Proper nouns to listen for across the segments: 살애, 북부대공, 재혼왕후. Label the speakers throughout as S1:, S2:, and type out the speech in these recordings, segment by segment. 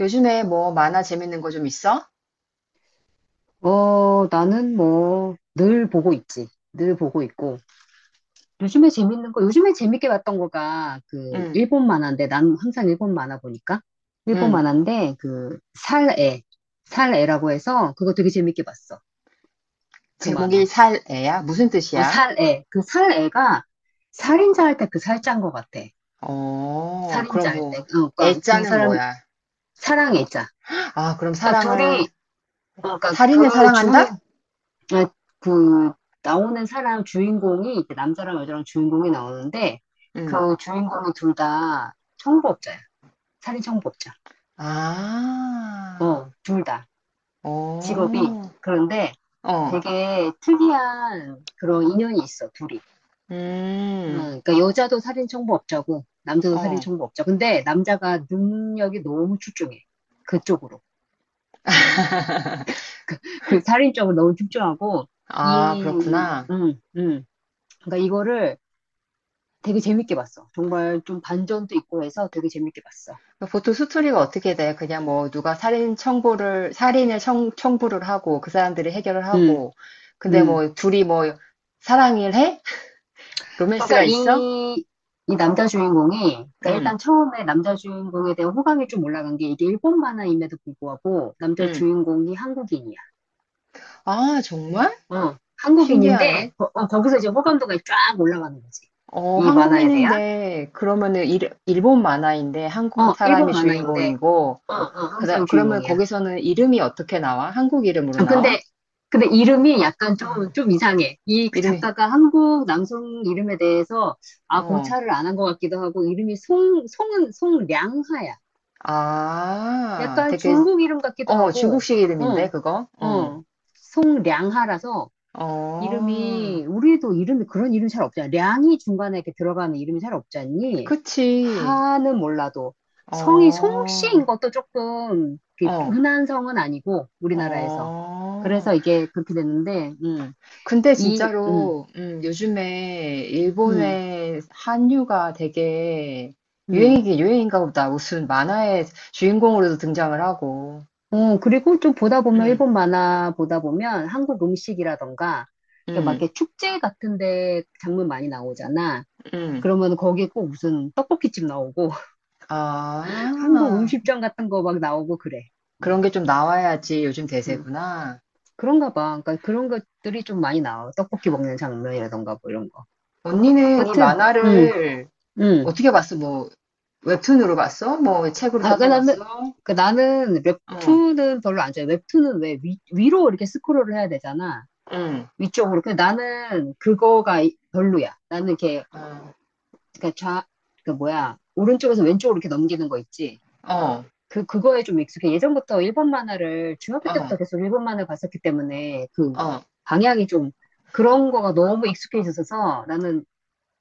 S1: 요즘에 뭐 만화 재밌는 거 좀 있어?
S2: 늘 보고 있지. 늘 보고 있고. 요즘에 재밌는 거, 요즘에 재밌게 봤던 거가,
S1: 응,
S2: 일본 만화인데, 난 항상 일본 만화 보니까. 일본
S1: 응.
S2: 만화인데, 살애. 살애라고 해서, 그거 되게 재밌게 봤어. 그
S1: 제목이
S2: 만화.
S1: 살 애야? 무슨 뜻이야?
S2: 살애. 그 살애가, 살인자 할 때 그 살자인 것 같아.
S1: 어, 그럼
S2: 살인자 할
S1: 뭐,
S2: 때. 그 이
S1: 애자는
S2: 사람,
S1: 뭐야?
S2: 사랑의자.
S1: 아, 그럼 사랑을,
S2: 둘이, 어, 그니까,
S1: 살인을
S2: 그 주,
S1: 사랑한다?
S2: 아, 그 나오는 사람 주인공이 이제 남자랑 여자랑 주인공이 나오는데
S1: 응.
S2: 그 주인공이 둘 다 청부업자야. 살인 청부업자.
S1: 아,
S2: 어, 둘 다.
S1: 어,
S2: 직업이. 그런데
S1: 어,
S2: 되게 특이한 그런 인연이 있어, 둘이. 어,
S1: 음,
S2: 그러니까 여자도 살인 청부업자고 남자도 살인
S1: 어.
S2: 청부업자. 근데 남자가 능력이 너무 출중해. 그쪽으로. 그 살인 쪽으로 너무 출중하고
S1: 아,
S2: 이
S1: 그렇구나.
S2: 그러니까 이거를 되게 재밌게 봤어. 정말 좀 반전도 있고 해서 되게 재밌게 봤어.
S1: 보통 스토리가 어떻게 돼? 그냥 뭐 누가 살인 청부를, 살인을 청부를 하고 그 사람들이 해결을
S2: 음,
S1: 하고 근데
S2: 음.
S1: 뭐 둘이 뭐 사랑을 해?
S2: 그러니까
S1: 로맨스가 있어?
S2: 이 남자 주인공이, 그러니까
S1: 응,
S2: 일단 처음에 남자 주인공에 대한 호감이 좀 올라간 게 이게 일본 만화임에도 불구하고 남자
S1: 응.
S2: 주인공이 한국인이야.
S1: 아, 정말?
S2: 한국인인데,
S1: 신기하네.
S2: 거기서 이제 호감도가 쫙 올라가는 거지.
S1: 어,
S2: 이 만화에 대한.
S1: 한국인인데, 그러면은 일본 만화인데 한국
S2: 어,
S1: 사람이
S2: 일본 만화인데,
S1: 주인공이고,
S2: 한국 사람
S1: 그러면
S2: 주인공이야.
S1: 거기서는 이름이 어떻게 나와? 한국 이름으로
S2: 아,
S1: 나와?
S2: 근데, 근데 이름이 약간 좀,
S1: 응.
S2: 좀 이상해. 이
S1: 이름이,
S2: 작가가 한국 남성 이름에 대해서, 아,
S1: 어,
S2: 고찰을 안 한 것 같기도 하고, 이름이 송량하야.
S1: 아,
S2: 약간
S1: 되게,
S2: 중국 이름 같기도
S1: 어,
S2: 하고,
S1: 중국식
S2: 어,
S1: 이름인데, 그거? 어,
S2: 어, 송량하라서,
S1: 어,
S2: 이름이, 우리도 이름이 그런 이름 잘 없잖아. 량이 중간에 이렇게 들어가는 이름이 잘 없지 않니?
S1: 그치.
S2: 하는 몰라도. 성이
S1: 어,
S2: 송씨인 것도 조금 이렇게
S1: 어,
S2: 흔한 성은 아니고, 우리나라에서.
S1: 어.
S2: 그래서 이게 그렇게 됐는데,
S1: 근데
S2: 이, 음,
S1: 진짜로 요즘에
S2: 음,
S1: 일본의 한류가 되게
S2: 음.
S1: 유행이긴 유행인가 보다. 무슨 만화의 주인공으로도 등장을 하고.
S2: 어, 그리고 좀 보다 보면,
S1: 음,
S2: 일본 만화 보다 보면 한국 음식이라던가, 이렇게 막
S1: 음,
S2: 이렇게 축제 같은 데 장면 많이 나오잖아.
S1: 음.
S2: 그러면 거기에 꼭 무슨 떡볶이집 나오고, 한국
S1: 아,
S2: 음식점 같은 거 막 나오고 그래. 어,
S1: 그런 게 좀 나와야지 요즘
S2: 음.
S1: 대세구나.
S2: 그런가 봐. 그러니까 그런 것들이 좀 많이 나와. 떡볶이 먹는 장면이라던가 뭐 이런 거.
S1: 언니는 이
S2: 여튼, 음,
S1: 만화를
S2: 음.
S1: 어떻게 봤어? 뭐 웹툰으로 봤어? 뭐 책으로
S2: 아,
S1: 사서 봤어?
S2: 그러니까 나는
S1: 어,
S2: 웹툰은 별로 안 좋아해. 웹툰은 왜 위로 이렇게 스크롤을 해야 되잖아.
S1: 응,
S2: 위쪽으로. 근데 나는 그거가 별로야. 나는 이렇게,
S1: 어,
S2: 그러니까 좌, 그 뭐야. 오른쪽에서 왼쪽으로 이렇게 넘기는 거 있지.
S1: 어,
S2: 그거에 좀 익숙해. 예전부터 일본 만화를, 중학교 때부터
S1: 어,
S2: 계속 일본 만화 봤었기 때문에,
S1: 어,
S2: 방향이 좀, 그런 거가 너무 익숙해져서 나는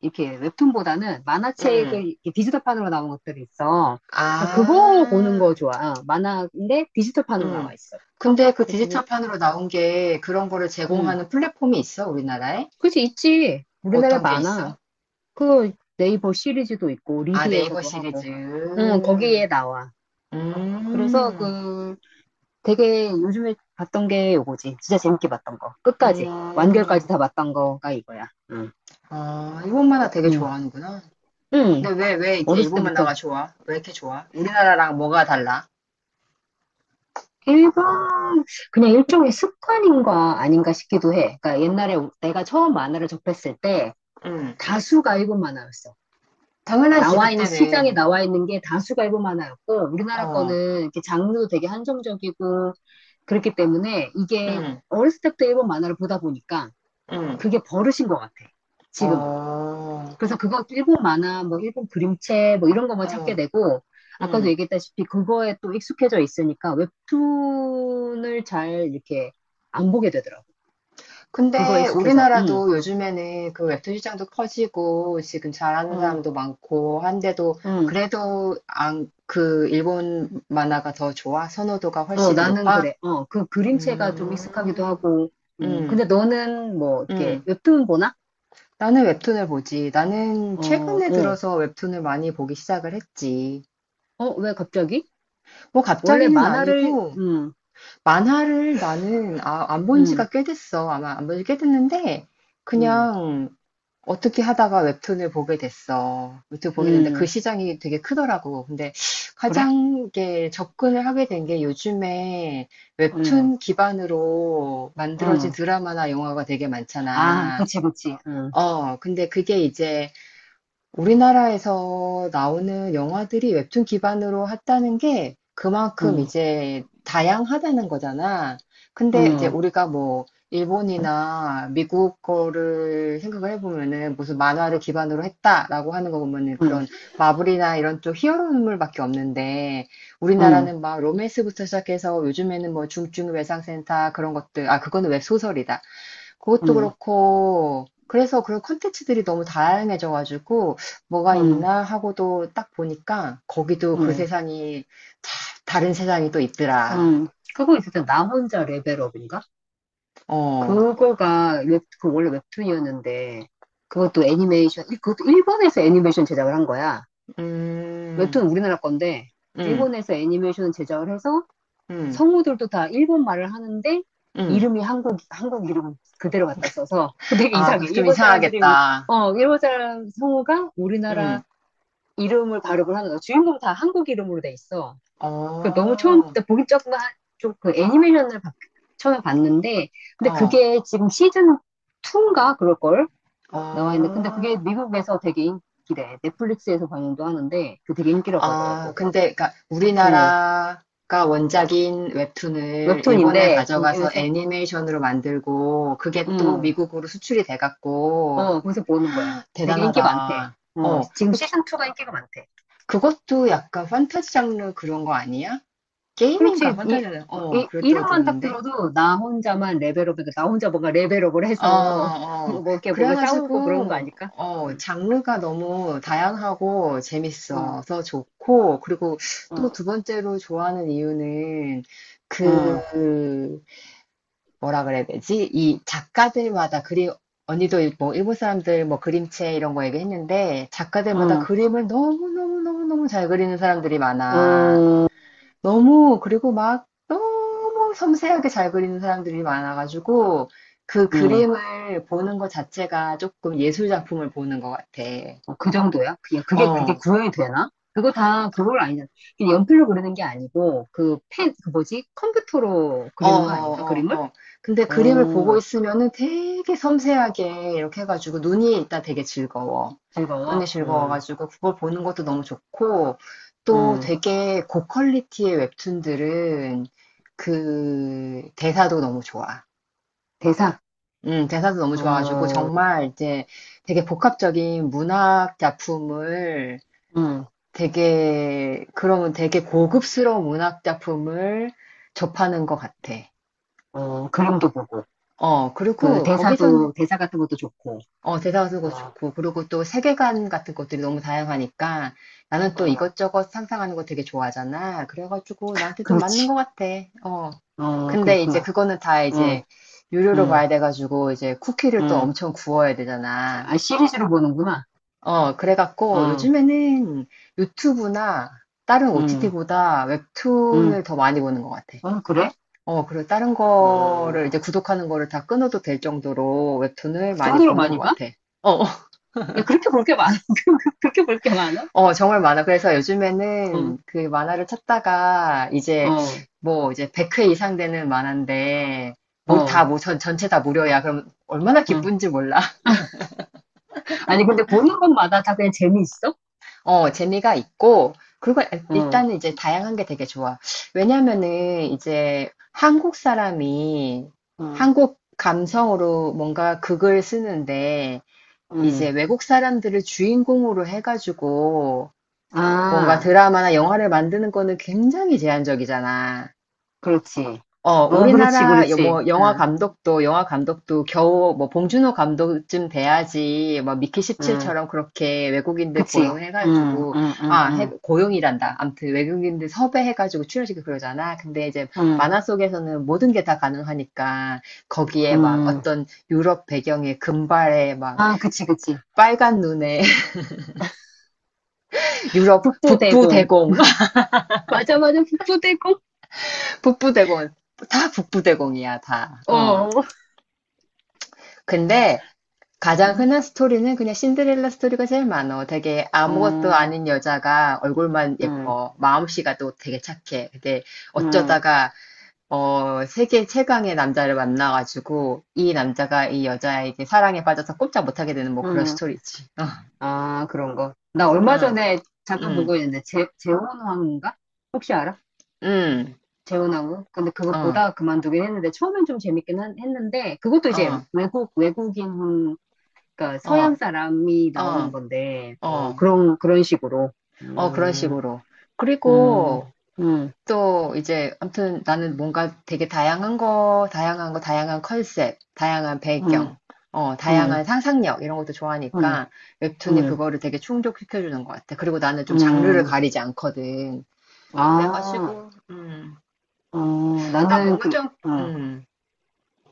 S2: 이렇게 웹툰보다는
S1: 응.
S2: 만화책을 이렇게 디지털판으로 나온 것들이 있어. 그러니까 그거 보는
S1: 아,
S2: 거 좋아. 어, 만화인데 디지털판으로 나와
S1: 응.
S2: 있어.
S1: 근데 그
S2: 그거,
S1: 디지털 판으로 나온 게 그런 거를
S2: 음.
S1: 제공하는 플랫폼이 있어, 우리나라에?
S2: 그치, 있지. 우리나라에
S1: 어떤 게
S2: 많아.
S1: 있어?
S2: 그 네이버 시리즈도 있고,
S1: 아, 네이버
S2: 리디에서도 하고,
S1: 시리즈.
S2: 응, 거기에 나와. 그래서
S1: 음,
S2: 그, 되게 요즘에 봤던 게 요거지. 진짜 재밌게 봤던 거. 끝까지.
S1: 음,
S2: 완결까지 다 봤던 거가 이거야. 응.
S1: 아 일본 만화 되게
S2: 응.
S1: 좋아하는구나.
S2: 응.
S1: 근데 왜 이렇게
S2: 어렸을
S1: 일본
S2: 때부터.
S1: 만화가 좋아? 왜 이렇게 좋아? 우리나라랑 뭐가 달라?
S2: 일본, 그냥 일종의 습관인가 아닌가 싶기도 해. 그러니까 옛날에 내가 처음 만화를 접했을 때
S1: 음,
S2: 다수가 일본 만화였어.
S1: 당연하지,
S2: 시장에
S1: 그때는.
S2: 나와 있는 게 다수가 일본 만화였고, 우리나라
S1: 어,
S2: 거는 이렇게 장르도 되게 한정적이고, 그렇기 때문에 이게
S1: 음,
S2: 어렸을 때부터 일본 만화를 보다 보니까
S1: 음,
S2: 그게 버릇인 것 같아. 지금은.
S1: 어,
S2: 그래서 그거 일본 만화, 뭐 일본 그림체, 뭐 이런 거만 찾게
S1: 어,
S2: 되고, 아까도
S1: 음.
S2: 얘기했다시피 그거에 또 익숙해져 있으니까 웹툰을 잘 이렇게 안 보게 되더라고. 그거에
S1: 근데
S2: 익숙해서,
S1: 우리나라도 요즘에는 그 웹툰 시장도 커지고 지금 잘하는
S2: 어,
S1: 사람도 많고 한데도
S2: 응,
S1: 그래도 안, 그 일본 만화가 더 좋아? 선호도가
S2: 어,
S1: 훨씬
S2: 나는
S1: 높아?
S2: 그래. 어, 그 그림체가 좀 익숙하기도
S1: 음,
S2: 하고,
S1: 음,
S2: 근데 너는 뭐 이렇게
S1: 음.
S2: 웹툰 보나?
S1: 나는 웹툰을 보지. 나는
S2: 어,
S1: 최근에
S2: 어,
S1: 들어서 웹툰을 많이 보기 시작을 했지.
S2: 어, 왜 갑자기?
S1: 뭐
S2: 원래
S1: 갑자기는
S2: 만화를,
S1: 아니고
S2: 음,
S1: 만화를 나는 안본
S2: 음,
S1: 지가 꽤 됐어. 아마 안 본지 꽤 됐는데
S2: 음,
S1: 그냥 어떻게 하다가 웹툰을 보게 됐어. 웹툰 보게 됐는데 그
S2: 음,
S1: 시장이 되게 크더라고. 근데
S2: 그래?
S1: 가장 이게 접근을 하게 된 게 요즘에
S2: 음,
S1: 웹툰 기반으로 만들어진
S2: 음.
S1: 드라마나 영화가 되게
S2: 아,
S1: 많잖아.
S2: 그치, 그치.
S1: 어, 근데 그게 이제 우리나라에서 나오는 영화들이 웹툰 기반으로 했다는 게 그만큼
S2: 음,
S1: 이제 다양하다는 거잖아. 근데 이제
S2: 음.
S1: 우리가 뭐 일본이나 미국 거를 생각을 해보면은 무슨 만화를 기반으로 했다라고 하는 거 보면은
S2: 응,
S1: 그런 마블이나 이런 쪽 히어로물밖에 없는데
S2: 응,
S1: 우리나라는 막 로맨스부터 시작해서 요즘에는 뭐 중증 외상센터 그런 것들, 아, 그거는 웹소설이다. 그것도
S2: 응,
S1: 그렇고 그래서 그런 콘텐츠들이 너무 다양해져가지고 뭐가
S2: 응,
S1: 있나 하고도 딱 보니까 거기도 그
S2: 응,
S1: 세상이 참 다른 세상이 또 있더라.
S2: 응. 하 있을 때 나 혼자 레벨업인가?
S1: 어,
S2: 그 원래 웹툰이었는데, 그것도 일본에서 애니메이션 제작을 한 거야.
S1: 음,
S2: 웹툰 우리나라 건데,
S1: 음,
S2: 일본에서 애니메이션 제작을 해서
S1: 음,
S2: 성우들도 다 일본 말을 하는데,
S1: 음.
S2: 이름이 한국 이름 그대로 갖다 써서, 근데 되게
S1: 아,
S2: 이상해.
S1: 그거 좀
S2: 일본 사람들이,
S1: 이상하겠다.
S2: 어, 일본 사람 성우가 우리나라
S1: 음,
S2: 이름을 발음을 하는 거야. 주인공 다 한국 이름으로 돼 있어. 그 너무
S1: 어,
S2: 처음 때 보기 조금 좀그 애니메이션을 바- 처음에 봤는데 근데
S1: 어,
S2: 그게 지금 시즌 2인가 그럴걸 나와 있는데 근데
S1: 어.
S2: 그게 미국에서 되게 인기래. 넷플릭스에서 방영도 하는데 그 되게 인기라고
S1: 아,
S2: 하더라고.
S1: 근데 그러니까
S2: 어
S1: 우리나라가 원작인 웹툰을 일본에
S2: 웹툰인데 어
S1: 가져가서
S2: 그래서
S1: 애니메이션으로 만들고 그게 또
S2: 음어
S1: 미국으로 수출이 돼갖고
S2: 거기서 보는 거야. 되게 인기 많대.
S1: 대단하다.
S2: 어, 지금 시즌 2가 인기가 많대.
S1: 그것도 약간 판타지 장르 그런 거 아니야? 게임인가?
S2: 그렇지.
S1: 판타지 장르. 어,
S2: 이
S1: 그랬다고
S2: 이름만 딱
S1: 들었는데.
S2: 들어도 나 혼자만 레벨업이고 나 혼자 뭔가 레벨업을
S1: 어,
S2: 해서
S1: 어.
S2: 뭐 이렇게 뭔가 싸우고 그런 거
S1: 그래가지고,
S2: 아닐까?
S1: 어,
S2: 음.
S1: 장르가 너무 다양하고
S2: 어.
S1: 재밌어서 좋고, 그리고 또
S2: 어,
S1: 두 번째로 좋아하는 이유는
S2: 어,
S1: 그, 뭐라 그래야 되지? 이 작가들마다 그림, 언니도 뭐 일본 사람들 뭐 그림체 이런 거 얘기했는데, 작가들마다
S2: 어,
S1: 그림을 너무너무너무너무 잘 그리는 사람들이 많아.
S2: 어,
S1: 너무 그리고 막 너무 섬세하게 잘 그리는 사람들이 많아가지고 그
S2: 음.
S1: 그림을 보는 것 자체가 조금 예술 작품을 보는 것 같아.
S2: 어, 그 정도야? 그냥 그게
S1: 어,
S2: 구현이 되나? 그걸 아니잖아. 그냥 연필로 그리는 게 아니고, 그 뭐지? 컴퓨터로
S1: 어,
S2: 그리는 거 아닌가?
S1: 어,
S2: 그림을?
S1: 어. 근데 그림을 보고
S2: 어,
S1: 있으면은 되게 섬세하게 이렇게 해가지고 눈이 일단 되게 즐거워. 눈이
S2: 즐거워.
S1: 즐거워가지고 그걸 보는 것도 너무 좋고 또
S2: 음.
S1: 되게 고퀄리티의 웹툰들은 그 대사도 너무 좋아.
S2: 대사,
S1: 대사도 너무 좋아가지고
S2: 어,
S1: 정말 이제 되게 복합적인 문학 작품을
S2: 음,
S1: 되게 그러면 되게 고급스러운 문학 작품을 접하는 것 같아.
S2: 그림도 보고,
S1: 어,
S2: 그
S1: 그리고 거기서는
S2: 대사 같은 것도 좋고,
S1: 어, 대사가 쓰고
S2: 어,
S1: 좋고 그리고 또 세계관 같은 것들이 너무 다양하니까 나는 또
S2: 어,
S1: 이것저것 상상하는 거 되게 좋아하잖아. 그래가지고 나한테 좀 맞는 것
S2: 그렇지.
S1: 같아. 어.
S2: 어,
S1: 근데 이제
S2: 그렇구나.
S1: 그거는 다
S2: 응,
S1: 이제 유료로
S2: 응,
S1: 봐야 돼가지고 이제 쿠키를 또
S2: 응.
S1: 엄청 구워야 되잖아.
S2: 아, 시리즈로 보는구나.
S1: 어, 그래갖고
S2: 응,
S1: 요즘에는 유튜브나 다른
S2: 응,
S1: OTT보다
S2: 응.
S1: 웹툰을 더 많이 보는 것 같아.
S2: 어, 그래?
S1: 어, 그리고 다른 거를 이제
S2: 어,
S1: 구독하는 거를 다 끊어도 될 정도로 웹툰을
S2: 그
S1: 많이
S2: 정도로
S1: 보는 것
S2: 많이 봐?
S1: 같아. 어, 어,
S2: 야, 그렇게 볼 게 많아? 그렇게 볼게 많아?
S1: 어, 정말 많아. 그래서
S2: 응,
S1: 요즘에는 그 만화를 찾다가 이제
S2: 어,
S1: 뭐 이제 100회 이상 되는 만화인데
S2: 어,
S1: 전체 다 무료야. 그럼 얼마나
S2: 어.
S1: 기쁜지 몰라.
S2: 아니, 근데 보는 것마다 다 그냥 재미있어?
S1: 어, 재미가 있고, 그걸
S2: 응,
S1: 일단은 이제 다양한 게 되게 좋아. 왜냐면은 이제 한국 사람이
S2: 응,
S1: 한국 감성으로 뭔가 극을 쓰는데, 이제
S2: 응.
S1: 외국 사람들을 주인공으로 해가지고 뭔가
S2: 아,
S1: 드라마나 영화를 만드는 거는 굉장히 제한적이잖아.
S2: 그렇지.
S1: 어,
S2: 어, 그렇지,
S1: 우리나라
S2: 그렇지.
S1: 뭐 영화
S2: 응,
S1: 감독도 영화 감독도 겨우 뭐 봉준호 감독쯤 돼야지 뭐 미키
S2: 응,
S1: 17처럼 그렇게 외국인들
S2: 그치. 응,
S1: 고용해가지고
S2: 응, 응, 응,
S1: 고용이란다. 아무튼 외국인들 섭외해가지고 출연시키고 그러잖아. 근데 이제
S2: 응,
S1: 만화 속에서는 모든 게 다 가능하니까 거기에 막
S2: 응.
S1: 어떤 유럽 배경에 금발에 막
S2: 아, 그치, 그치.
S1: 빨간 눈에 유럽 북부
S2: 북부대공.
S1: 대공
S2: 맞아, 맞아, 북부대공.
S1: 북부 대공 다 북부 대공이야 다.
S2: 어,
S1: 어.
S2: 어,
S1: 근데 가장
S2: 응,
S1: 흔한 스토리는 그냥 신데렐라 스토리가 제일 많어. 되게 아무것도
S2: 어,
S1: 아닌 여자가 얼굴만
S2: 응,
S1: 예뻐. 마음씨가 또 되게 착해. 근데
S2: 응,
S1: 어쩌다가 어, 세계 최강의 남자를 만나가지고 이 남자가 이 여자에게 사랑에 빠져서 꼼짝 못하게 되는 뭐 그런
S2: 응.
S1: 스토리지. 어,
S2: 아, 그런 거. 나 얼마
S1: 응,
S2: 전에 잠깐 본
S1: 응,
S2: 거 있는데, 재혼왕후인가? 혹시 알아?
S1: 응,
S2: 재혼왕후? 근데 그거
S1: 어,
S2: 보다가 그만두긴 했는데, 처음엔 좀 재밌긴 한- 했는데, 그것도 이제
S1: 어,
S2: 외국, 외국인, 그러니까 서양
S1: 어,
S2: 사람이 나오는
S1: 어,
S2: 건데, 어,
S1: 어,
S2: 그런 식으로.
S1: 어, 그런
S2: 음,
S1: 식으로.
S2: 음,
S1: 그리고
S2: 음,
S1: 또 이제 아무튼 나는 뭔가 되게 다양한 거, 다양한 거, 다양한 컨셉, 다양한
S2: 음,
S1: 배경, 어,
S2: 음,
S1: 다양한 상상력 이런 것도
S2: 음,
S1: 좋아하니까
S2: 음,
S1: 웹툰이
S2: 음.
S1: 그거를 되게 충족시켜주는 것 같아. 그리고 나는 좀 장르를
S2: 음.
S1: 가리지 않거든.
S2: 아,
S1: 그래가지고
S2: 어,
S1: 나
S2: 나는,
S1: 뭔가 좀
S2: 어,
S1: 음,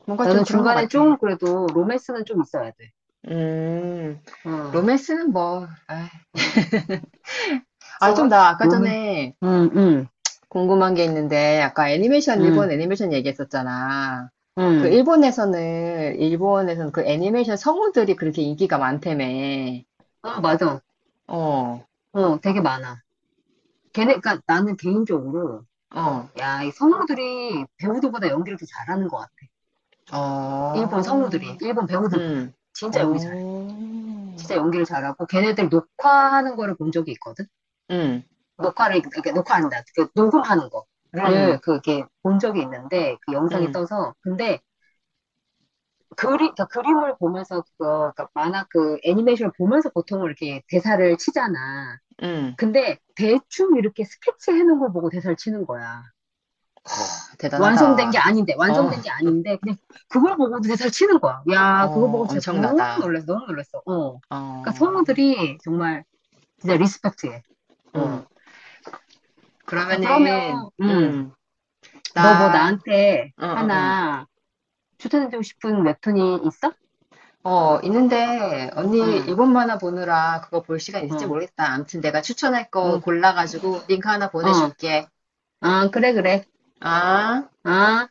S1: 뭔가 좀
S2: 나는
S1: 그런 것
S2: 중간에
S1: 같아.
S2: 좀 그래도 로맨스는 좀 있어야 돼.
S1: 음,
S2: 어.
S1: 로맨스는 뭐, 아,
S2: 어.
S1: 아, 좀
S2: 저,
S1: 나 아까
S2: 몸맨
S1: 전에
S2: 응, 응,
S1: 궁금한 게 있는데, 아까 애니메이션,
S2: 응,
S1: 일본 애니메이션 얘기했었잖아. 그
S2: 응.
S1: 일본에서는, 일본에서는 그 애니메이션 성우들이 그렇게 인기가 많다며.
S2: 어, 맞아.
S1: 어,
S2: 어, 되게 많아. 그니까 나는 개인적으로,
S1: 어,
S2: 야, 이 성우들이 배우들보다 연기를 더 잘하는 것 같아. 일본 성우들이,
S1: 어,
S2: 일본 배우들보다.
S1: 음,
S2: 진짜 연기 잘해.
S1: 어,
S2: 진짜 연기를 잘하고, 걔네들 녹화하는 거를 본 적이 있거든?
S1: 음,
S2: 녹화를, 이렇게 녹화한다. 그 녹음하는 거를,
S1: 음,
S2: 그게 본 적이 있는데, 그 영상이
S1: 음,
S2: 떠서. 근데, 그림그 그림을 보면서, 그러니까 만화 그 애니메이션을 보면서 보통 이렇게 대사를 치잖아.
S1: 음.
S2: 근데 대충 이렇게 스케치해 놓은 걸 보고 대사를 치는 거야. 아,
S1: 대단하다. 어,
S2: 완성된 게 아닌데, 그냥 그걸 보고도 대사를 치는 거야. 야, 그거
S1: 어,
S2: 보고 진짜 너무
S1: 엄청나다.
S2: 놀랐어, 너무 놀랐어. 어. 그러니까
S1: 어,
S2: 성우들이 정말 진짜 리스펙트해. 어.
S1: 음.
S2: 자,
S1: 그러면은,
S2: 그러면, 너 뭐
S1: 나,
S2: 나한테
S1: 응, 응, 응.
S2: 하나 추천해주고 싶은 웹툰이 있어?
S1: 어, 있는데, 언니,
S2: 응,
S1: 일본 만화 보느라 그거 볼 시간 있을지
S2: 응,
S1: 모르겠다. 아무튼 내가 추천할 거
S2: 응,
S1: 골라가지고 링크 하나
S2: 어.
S1: 보내줄게.
S2: 아, 그래, 그래.
S1: 아?
S2: 아.